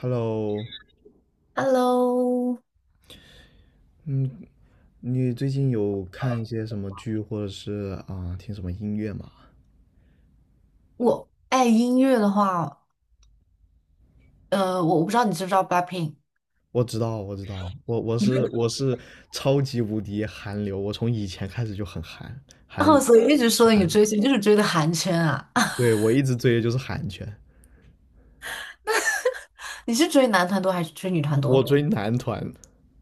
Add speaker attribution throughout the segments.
Speaker 1: Hello,
Speaker 2: Hello，
Speaker 1: 嗯，你最近有看一些什么剧，或者是听什么音乐吗？
Speaker 2: 我爱音乐的话，我不知道你知不知道 BLACKPINK。
Speaker 1: 我知道，我知道，我是超级无敌韩流，我从以前开始就很韩
Speaker 2: 哦，所以一直说
Speaker 1: 韩
Speaker 2: 你
Speaker 1: 流，
Speaker 2: 追星就是追的韩圈啊。
Speaker 1: 对，我一直追的就是韩圈，
Speaker 2: 你是追男团多还是追女团
Speaker 1: 我
Speaker 2: 多？
Speaker 1: 追男团，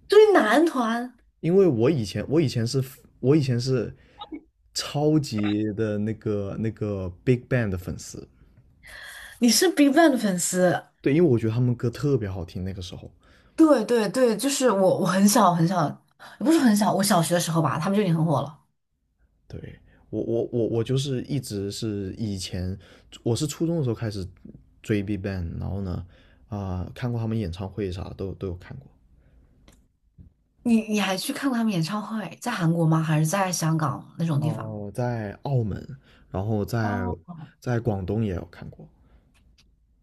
Speaker 2: 追男团。
Speaker 1: 因为我以前是超级的那个 Big Bang 的粉丝，
Speaker 2: 你是 BigBang 的粉丝？
Speaker 1: 对，因为我觉得他们歌特别好听，那个时候。
Speaker 2: 对对对，就是我，我很小，也不是很小，我小学的时候吧，他们就已经很火了。
Speaker 1: 对，我就是一直是以前，我是初中的时候开始追 BigBang,然后呢，看过他们演唱会啥都都有看过。
Speaker 2: 你你还去看过他们演唱会，在韩国吗？还是在香港那种地方？
Speaker 1: 哦，在澳门，然后在
Speaker 2: 哦
Speaker 1: 在广东也有看过。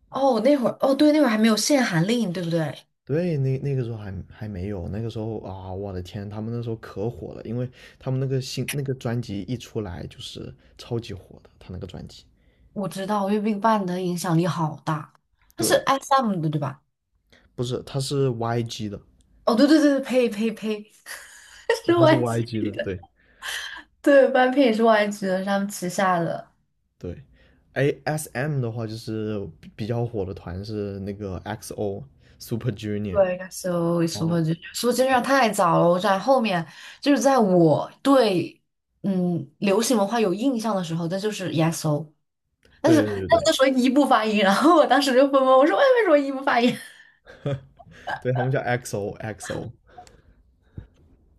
Speaker 2: 哦，那会儿哦，对，那会儿还没有限韩令，对不对？
Speaker 1: 对，那个时候还还没有，那个时候啊，我的天，他们那时候可火了，因为他们那个新那个专辑一出来就是超级火的，他那个专辑。
Speaker 2: 我知道月 n 办的影响力好大，它是
Speaker 1: 对，
Speaker 2: SM 的对吧？
Speaker 1: 不是，他是 YG 的，
Speaker 2: 哦，对对对对，呸呸呸，是
Speaker 1: 他是 YG 的，
Speaker 2: YG 的。
Speaker 1: 对。
Speaker 2: 对，半片也是 YG 的，是他们旗下的。
Speaker 1: 对，ASM 的话就是比比较火的团是那个 XO Super Junior,
Speaker 2: 对，应该是 Super
Speaker 1: 哦，
Speaker 2: Junior。Super Junior 太早了，我在后面就是在我对嗯流行文化有印象的时候，那就是 e S o， 但是
Speaker 1: 对
Speaker 2: 他
Speaker 1: 对
Speaker 2: 们
Speaker 1: 对对，
Speaker 2: 那时候一不发音，然后我当时就懵懵，我说为什么一不发音？
Speaker 1: 对他们叫 XO XO,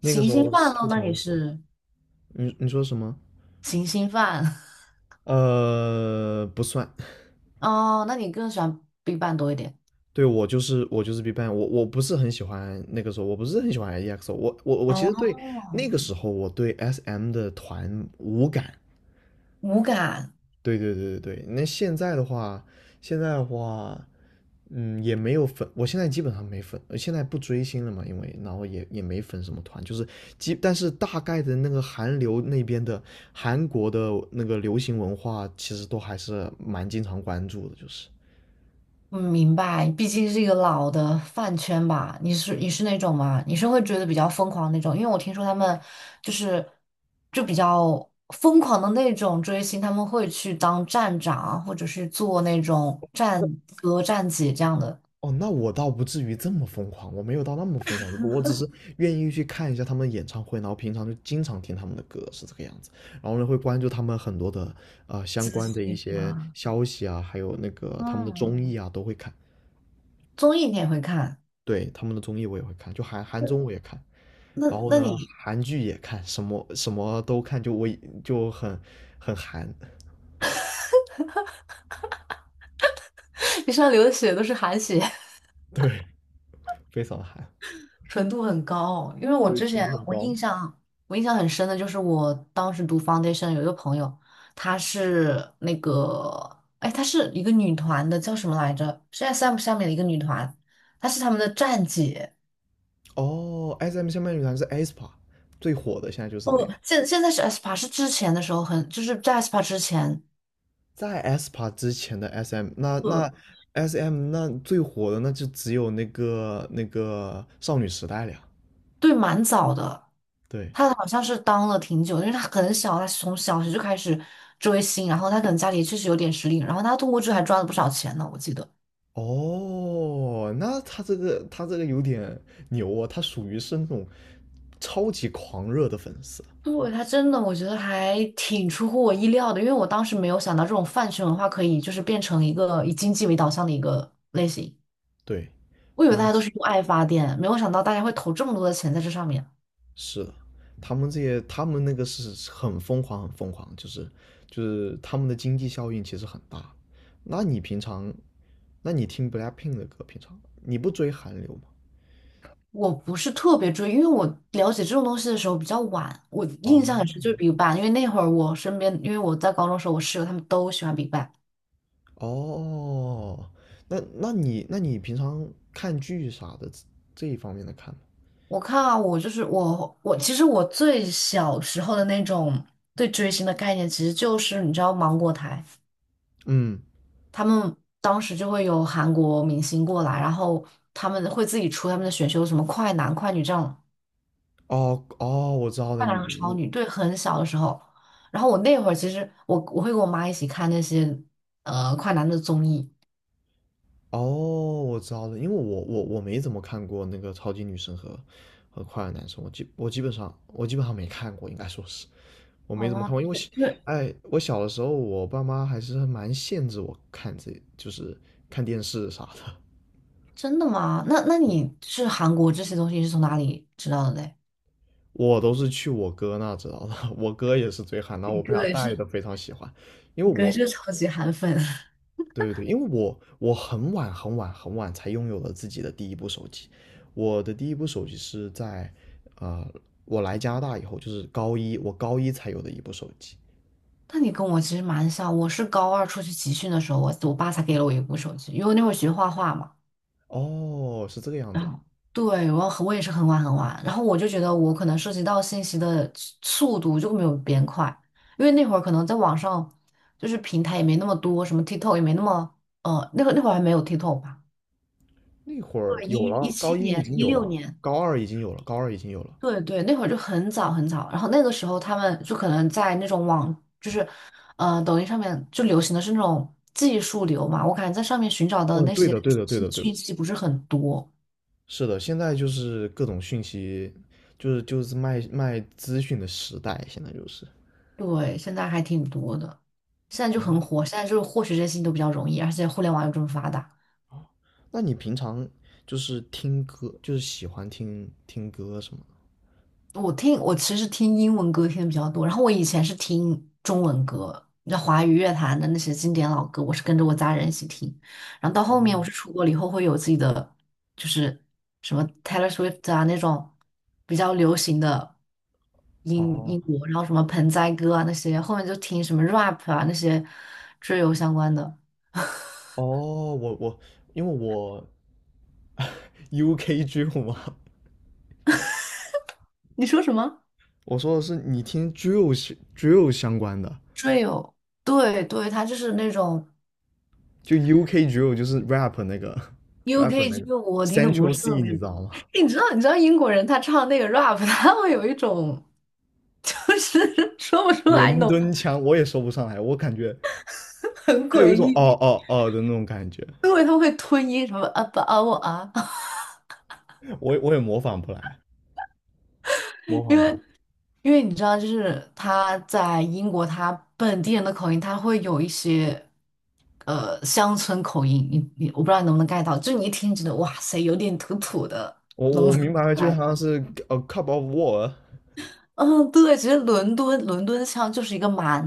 Speaker 1: 那个
Speaker 2: 行
Speaker 1: 时
Speaker 2: 星
Speaker 1: 候
Speaker 2: 饭
Speaker 1: 是
Speaker 2: 喽。
Speaker 1: 确实
Speaker 2: 那你
Speaker 1: 很火。
Speaker 2: 是
Speaker 1: 你你说什么？
Speaker 2: 行星饭。
Speaker 1: 不算。
Speaker 2: 哦，那你更喜欢 Big Bang 多一点？
Speaker 1: 对，我就是我就是 BigBang,我我不是很喜欢那个时候，我不是很喜欢 EXO,我其
Speaker 2: 哦，
Speaker 1: 实对那个时候我对 SM 的团无感，
Speaker 2: 无感。
Speaker 1: 对对对对对，那现在的话，现在的话，也没有粉，我现在基本上没粉，现在不追星了嘛，因为然后也也没粉什么团，就是基，但是大概的那个韩流那边的韩国的那个流行文化，其实都还是蛮经常关注的，就是，
Speaker 2: 嗯，明白。毕竟是一个老的饭圈吧。你是那种吗？你是会觉得比较疯狂那种？因为我听说他们就是就比较疯狂的那种追星，他们会去当站长，或者是做那种站哥、站姐这样的
Speaker 1: 哦，那我倒不至于这么疯狂，我没有到那么疯狂，我只是愿意去看一下他们演唱会，然后平常就经常听他们的歌，是这个样子。然后呢，会关注他们很多的啊相
Speaker 2: 资
Speaker 1: 关的一
Speaker 2: 讯
Speaker 1: 些
Speaker 2: 啊。
Speaker 1: 消息啊，还有那个他们的
Speaker 2: 嗯，
Speaker 1: 综艺啊，都会看。
Speaker 2: 综艺你也会看？
Speaker 1: 对，他们的综艺我也会看，就韩韩综我也看，然
Speaker 2: 那
Speaker 1: 后
Speaker 2: 那
Speaker 1: 呢，
Speaker 2: 你。
Speaker 1: 韩剧也看，什么什么都看，就我就很很韩，
Speaker 2: 你上流的血都是韩血？
Speaker 1: 对，非常韩。
Speaker 2: 纯度很高。因为我
Speaker 1: 所以
Speaker 2: 之
Speaker 1: 程
Speaker 2: 前
Speaker 1: 度很
Speaker 2: 我
Speaker 1: 高。
Speaker 2: 印象我印象很深的就是我当时读 foundation 有一个朋友，她是那个哎，她是一个女团的，叫什么来着？是 SM 下面的一个女团，她是他们的站姐。
Speaker 1: 哦，S M 下面女团是 aespa,最火的现在就是这个。
Speaker 2: 哦，现在是 aespa，是之前的时候很就是在 aespa 之前，
Speaker 1: 在 aespa 之前的 SM,那
Speaker 2: 呃，
Speaker 1: 那 SM 那最火的那就只有那个少女时代了呀。
Speaker 2: 对，蛮早的。
Speaker 1: 对，
Speaker 2: 她好像是当了挺久，因为她很小，她从小学就开始追星，然后她可能家里确实有点实力，然后她通过这还赚了不少钱呢，我记得。
Speaker 1: 哦，那他这个他这个有点牛哦，他属于是那种超级狂热的粉丝。
Speaker 2: 对，他真的，我觉得还挺出乎我意料的，因为我当时没有想到这种饭圈文化可以就是变成一个以经济为导向的一个类型。
Speaker 1: 对，
Speaker 2: 我以为大
Speaker 1: 那
Speaker 2: 家都
Speaker 1: 是
Speaker 2: 是用爱发电，没有想到大家会投这么多的钱在这上面。
Speaker 1: 是的，他们这些他们那个是很疯狂很疯狂，就是就是他们的经济效应其实很大。那你平常，那你听 BLACKPINK 的歌，平常你不追韩流吗？
Speaker 2: 我不是特别追，因为我了解这种东西的时候比较晚，我印象
Speaker 1: 哦
Speaker 2: 很深就是 BigBang，因为那会儿我身边，因为我在高中的时候，我室友他们都喜欢 BigBang。
Speaker 1: 哦，那那你那你平常看剧啥的这这一方面的看吗？
Speaker 2: 我看啊，我就是我，我其实我最小时候的那种对追星的概念，其实就是你知道芒果台。
Speaker 1: 嗯，
Speaker 2: 他们当时就会有韩国明星过来，然后他们会自己出他们的选秀，什么快男、快女这样，
Speaker 1: 哦哦，我知道了，
Speaker 2: 快
Speaker 1: 你
Speaker 2: 男和超
Speaker 1: 你
Speaker 2: 女，对，很小的时候。然后我那会儿其实我会跟我妈一起看那些快男的综艺。
Speaker 1: 哦，我知道了，因为我没怎么看过那个超级女生和和快乐男生，我基本上没看过，应该说是我没怎么看
Speaker 2: 哦，
Speaker 1: 过，因为我小，
Speaker 2: 你对。
Speaker 1: 我小的时候我爸妈还是蛮限制我看这就是看电视啥的，
Speaker 2: 真的吗？那那你是韩国这些东西是从哪里知道的嘞？
Speaker 1: 我都是去我哥那知道的，我哥也是追韩，然后
Speaker 2: 你
Speaker 1: 我被
Speaker 2: 哥
Speaker 1: 他
Speaker 2: 也
Speaker 1: 带
Speaker 2: 是，
Speaker 1: 的非常喜欢，因为
Speaker 2: 你哥也
Speaker 1: 我，
Speaker 2: 是超级韩粉。
Speaker 1: 对对对，因为我我很晚很晚很晚才拥有了自己的第一部手机，我的第一部手机是在，呃，我来加拿大以后，就是高一，我高一才有的一部手机。
Speaker 2: 那你跟我其实蛮像，我是高二出去集训的时候，我爸才给了我一部手机，因为我那会儿学画画嘛。
Speaker 1: 哦，是这个样
Speaker 2: 然
Speaker 1: 子，
Speaker 2: 后对，我也是很晚很晚，然后我就觉得我可能涉及到信息的速度就没有别人快，因为那会儿可能在网上就是平台也没那么多，什么 TikTok 也没那么那会那会儿还没有 TikTok 吧？
Speaker 1: 那会儿
Speaker 2: 对，
Speaker 1: 有
Speaker 2: 一一
Speaker 1: 了，
Speaker 2: 七
Speaker 1: 高一已
Speaker 2: 年、
Speaker 1: 经
Speaker 2: 一
Speaker 1: 有
Speaker 2: 六
Speaker 1: 了，
Speaker 2: 年，
Speaker 1: 高二已经有了，高二已经有了。
Speaker 2: 对对，那会儿就很早很早，然后那个时候他们就可能在那种网就是抖音上面就流行的是那种技术流嘛，我感觉在上面寻找的
Speaker 1: 哦，
Speaker 2: 那
Speaker 1: 对
Speaker 2: 些
Speaker 1: 的对的对
Speaker 2: 信
Speaker 1: 的对的，
Speaker 2: 讯息不是很多。
Speaker 1: 是的，现在就是各种讯息，就是就是卖卖资讯的时代，现在就是。
Speaker 2: 对，现在还挺多的，现在就很火，现在就是获取这些信息都比较容易，而且互联网又这么发达。
Speaker 1: 那你平常就是听歌，就是喜欢听听歌什么的？
Speaker 2: 我听，我其实听英文歌听的比较多，然后我以前是听中文歌，那华语乐坛的那些经典老歌，我是跟着我家人一起听，然后到后面我是出国了以后会有自己的，就是什么 Taylor Swift 啊那种比较流行的英
Speaker 1: 哦
Speaker 2: 英国，然后什么盆栽歌啊那些，后面就听什么 rap 啊那些追游相关的。
Speaker 1: 哦，我我因为我 UK drill 嘛，
Speaker 2: 你说什么？
Speaker 1: 我说的是你听 drill 是 drill 相关的，
Speaker 2: Drill，对对，他就是那种
Speaker 1: 就 UK drill 就是 rap 那个 rap
Speaker 2: UK
Speaker 1: 那个
Speaker 2: g 我听的不
Speaker 1: Central
Speaker 2: 是特
Speaker 1: C,
Speaker 2: 别。
Speaker 1: 你知道吗？
Speaker 2: 你知道你知道英国人他唱那个 rap，他会有一种就是 说不出来，你
Speaker 1: 伦
Speaker 2: 懂吗。
Speaker 1: 敦腔我也说不上来，我感觉
Speaker 2: 很
Speaker 1: 它有
Speaker 2: 诡
Speaker 1: 一种
Speaker 2: 异，
Speaker 1: 哦哦哦的那种感觉。
Speaker 2: 因为他会吞音什么啊不啊我啊。
Speaker 1: 我我也模仿不来。模
Speaker 2: 因
Speaker 1: 仿不来。
Speaker 2: 为因为你知道，就是他在英国他本地人的口音，他会有一些乡村口音，你我不知道你能不能 get 到，就你一听觉得哇塞，有点土土的
Speaker 1: 我
Speaker 2: 农
Speaker 1: 我
Speaker 2: 村。
Speaker 1: 明白了，就好 像是 a cup of war。
Speaker 2: 嗯，对，其实伦敦腔就是一个蛮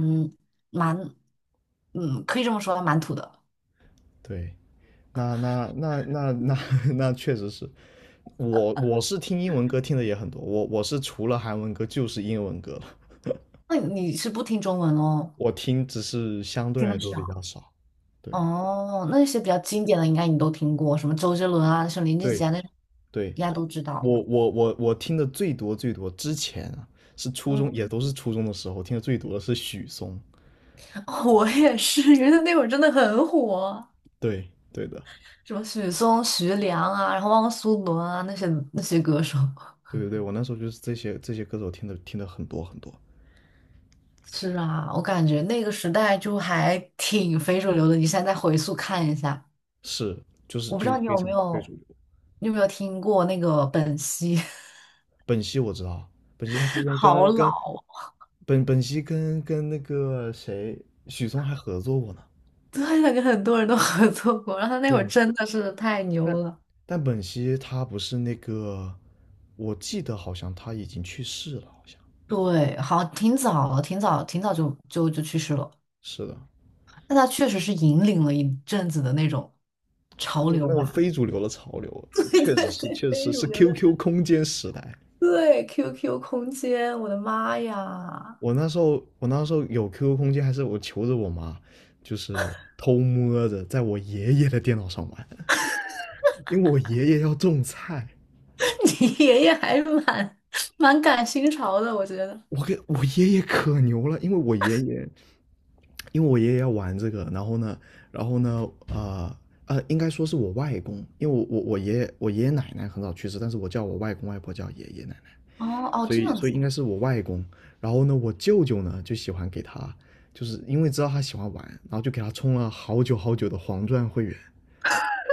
Speaker 2: 蛮，嗯，可以这么说吧，蛮土的。
Speaker 1: 对，那那那那那 那确实是，我我是听英文歌听的也很多，我我是除了韩文歌就是英文歌了，
Speaker 2: 那你是不听中文哦？
Speaker 1: 我听只是相对
Speaker 2: 听
Speaker 1: 来
Speaker 2: 得
Speaker 1: 说比
Speaker 2: 少。
Speaker 1: 较少。对
Speaker 2: 哦，那些比较经典的应该你都听过，什么周杰伦啊、什么林俊
Speaker 1: 对，
Speaker 2: 杰啊，那种
Speaker 1: 对，
Speaker 2: 应该都知道。
Speaker 1: 我听的最多最多之前啊是初中，也
Speaker 2: 嗯，
Speaker 1: 都是初中的时候听的最多的是许嵩。
Speaker 2: 我也是，因为那会儿真的很火，
Speaker 1: 对对的，
Speaker 2: 什么许嵩、徐良啊，然后汪苏泷啊，那些那些歌手。
Speaker 1: 对对对，我那时候就是这些这些歌手听的听的很多很多。
Speaker 2: 是啊，我感觉那个时代就还挺非主流的。你现在再回溯看一下。
Speaker 1: 是，就是
Speaker 2: 我不知
Speaker 1: 就
Speaker 2: 道你
Speaker 1: 非
Speaker 2: 有没
Speaker 1: 常非
Speaker 2: 有，
Speaker 1: 主流。
Speaker 2: 你有没有听过那个本兮。
Speaker 1: 本兮我知道，本兮他之 前
Speaker 2: 好
Speaker 1: 跟
Speaker 2: 老
Speaker 1: 跟
Speaker 2: 哦。
Speaker 1: 本兮跟跟那个谁许嵩还合作过呢。
Speaker 2: 对，那跟很多人都合作过，然后他那会儿
Speaker 1: 对，
Speaker 2: 真的是太牛
Speaker 1: 但
Speaker 2: 了。
Speaker 1: 但本兮他不是那个，我记得好像他已经去世了，好像
Speaker 2: 对，好，挺早了，挺早，挺早就去世了，
Speaker 1: 是的，
Speaker 2: 但他确实是引领了一阵子的那种
Speaker 1: 就
Speaker 2: 潮
Speaker 1: 是那
Speaker 2: 流
Speaker 1: 种
Speaker 2: 吧。
Speaker 1: 非主流的潮流，
Speaker 2: 对
Speaker 1: 确实
Speaker 2: 对
Speaker 1: 是
Speaker 2: 对，
Speaker 1: 确实
Speaker 2: 非主
Speaker 1: 是
Speaker 2: 流的。
Speaker 1: QQ 空间时代。
Speaker 2: 对，QQ 空间，我的妈呀。
Speaker 1: 我那时候有 QQ 空间，还是我求着我妈，就是偷摸着在我爷爷的电脑上玩。因为我爷爷要种菜，
Speaker 2: 你爷爷还是蛮蛮赶新潮的，我觉得。
Speaker 1: 我给我爷爷可牛了，因为我爷爷，因为我爷爷要玩这个，然后呢，然后呢，应该说是我外公，因为我爷爷我爷爷奶奶很早去世，但是我叫我外公外婆叫爷爷奶奶，
Speaker 2: 哦哦，
Speaker 1: 所
Speaker 2: 这
Speaker 1: 以
Speaker 2: 样
Speaker 1: 所
Speaker 2: 子。
Speaker 1: 以应该是我外公，然后呢，我舅舅呢就喜欢给他，就是因为知道他喜欢玩，然后就给他充了好久好久的黄钻会员，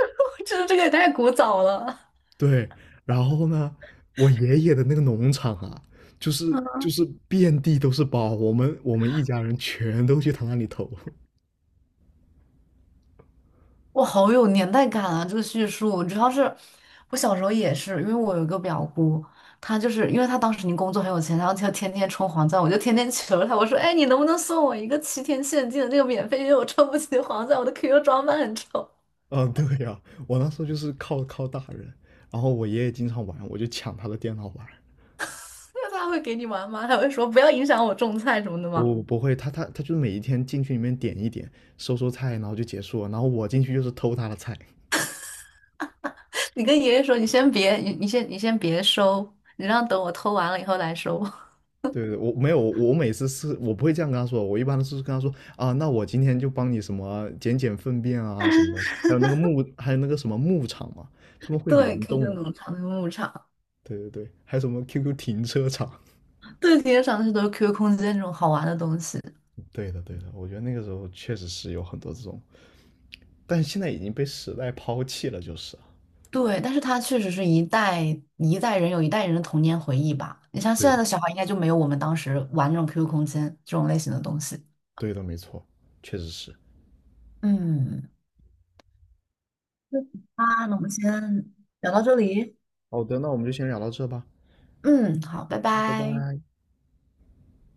Speaker 2: 这个也太古早了。
Speaker 1: 对，然后呢，我爷爷的那个农场啊，就是就是遍地都是包，我们我们一家人全都去他那里投。
Speaker 2: 哇，好有年代感啊！这个叙述，主要是我小时候也是，因为我有一个表姑，她就是因为她当时已经工作很有钱，然后她就天天充黄钻，我就天天求她，我说：“哎，你能不能送我一个七天限定的那个免费？因为我充不起黄钻，我的 QQ 装扮很丑。
Speaker 1: 啊，对呀，我那时候就是靠靠大人，然后我爷爷经常玩，我就抢他的电脑玩。
Speaker 2: 那她会给你玩吗？她会说不要影响我种菜什么的吗？
Speaker 1: 不不会，他他他就每一天进去里面点一点，收收菜，然后就结束了。然后我进去就是偷他的菜。
Speaker 2: 你跟爷爷说，你先别，你先别收，你让等我偷完了以后来收。
Speaker 1: 对对，我没有，我每次是我不会这样跟他说，我一般都是跟他说啊，那我今天就帮你什么捡捡粪便啊什么的，还有那个牧，还有那个什么牧场嘛，他 们会
Speaker 2: 对
Speaker 1: 联动
Speaker 2: ，QQ
Speaker 1: 的嘛，
Speaker 2: 农场那个牧场。
Speaker 1: 对对对，还有什么 QQ 停车场？
Speaker 2: 对，今天上的是都是 QQ 空间那种好玩的东西。
Speaker 1: 对的对的，我觉得那个时候确实是有很多这种，但是现在已经被时代抛弃了，就是啊，
Speaker 2: 对，但是它确实是一代人有一代人的童年回忆吧。你像现在
Speaker 1: 对
Speaker 2: 的小孩，应该就没有我们当时玩那种 QQ 空间这种类型的东西。
Speaker 1: 对的，没错，确实是。
Speaker 2: 嗯，啊，那我们先聊到这里。
Speaker 1: 好的，那我们就先聊到这吧，
Speaker 2: 嗯，好，拜
Speaker 1: 拜
Speaker 2: 拜。
Speaker 1: 拜。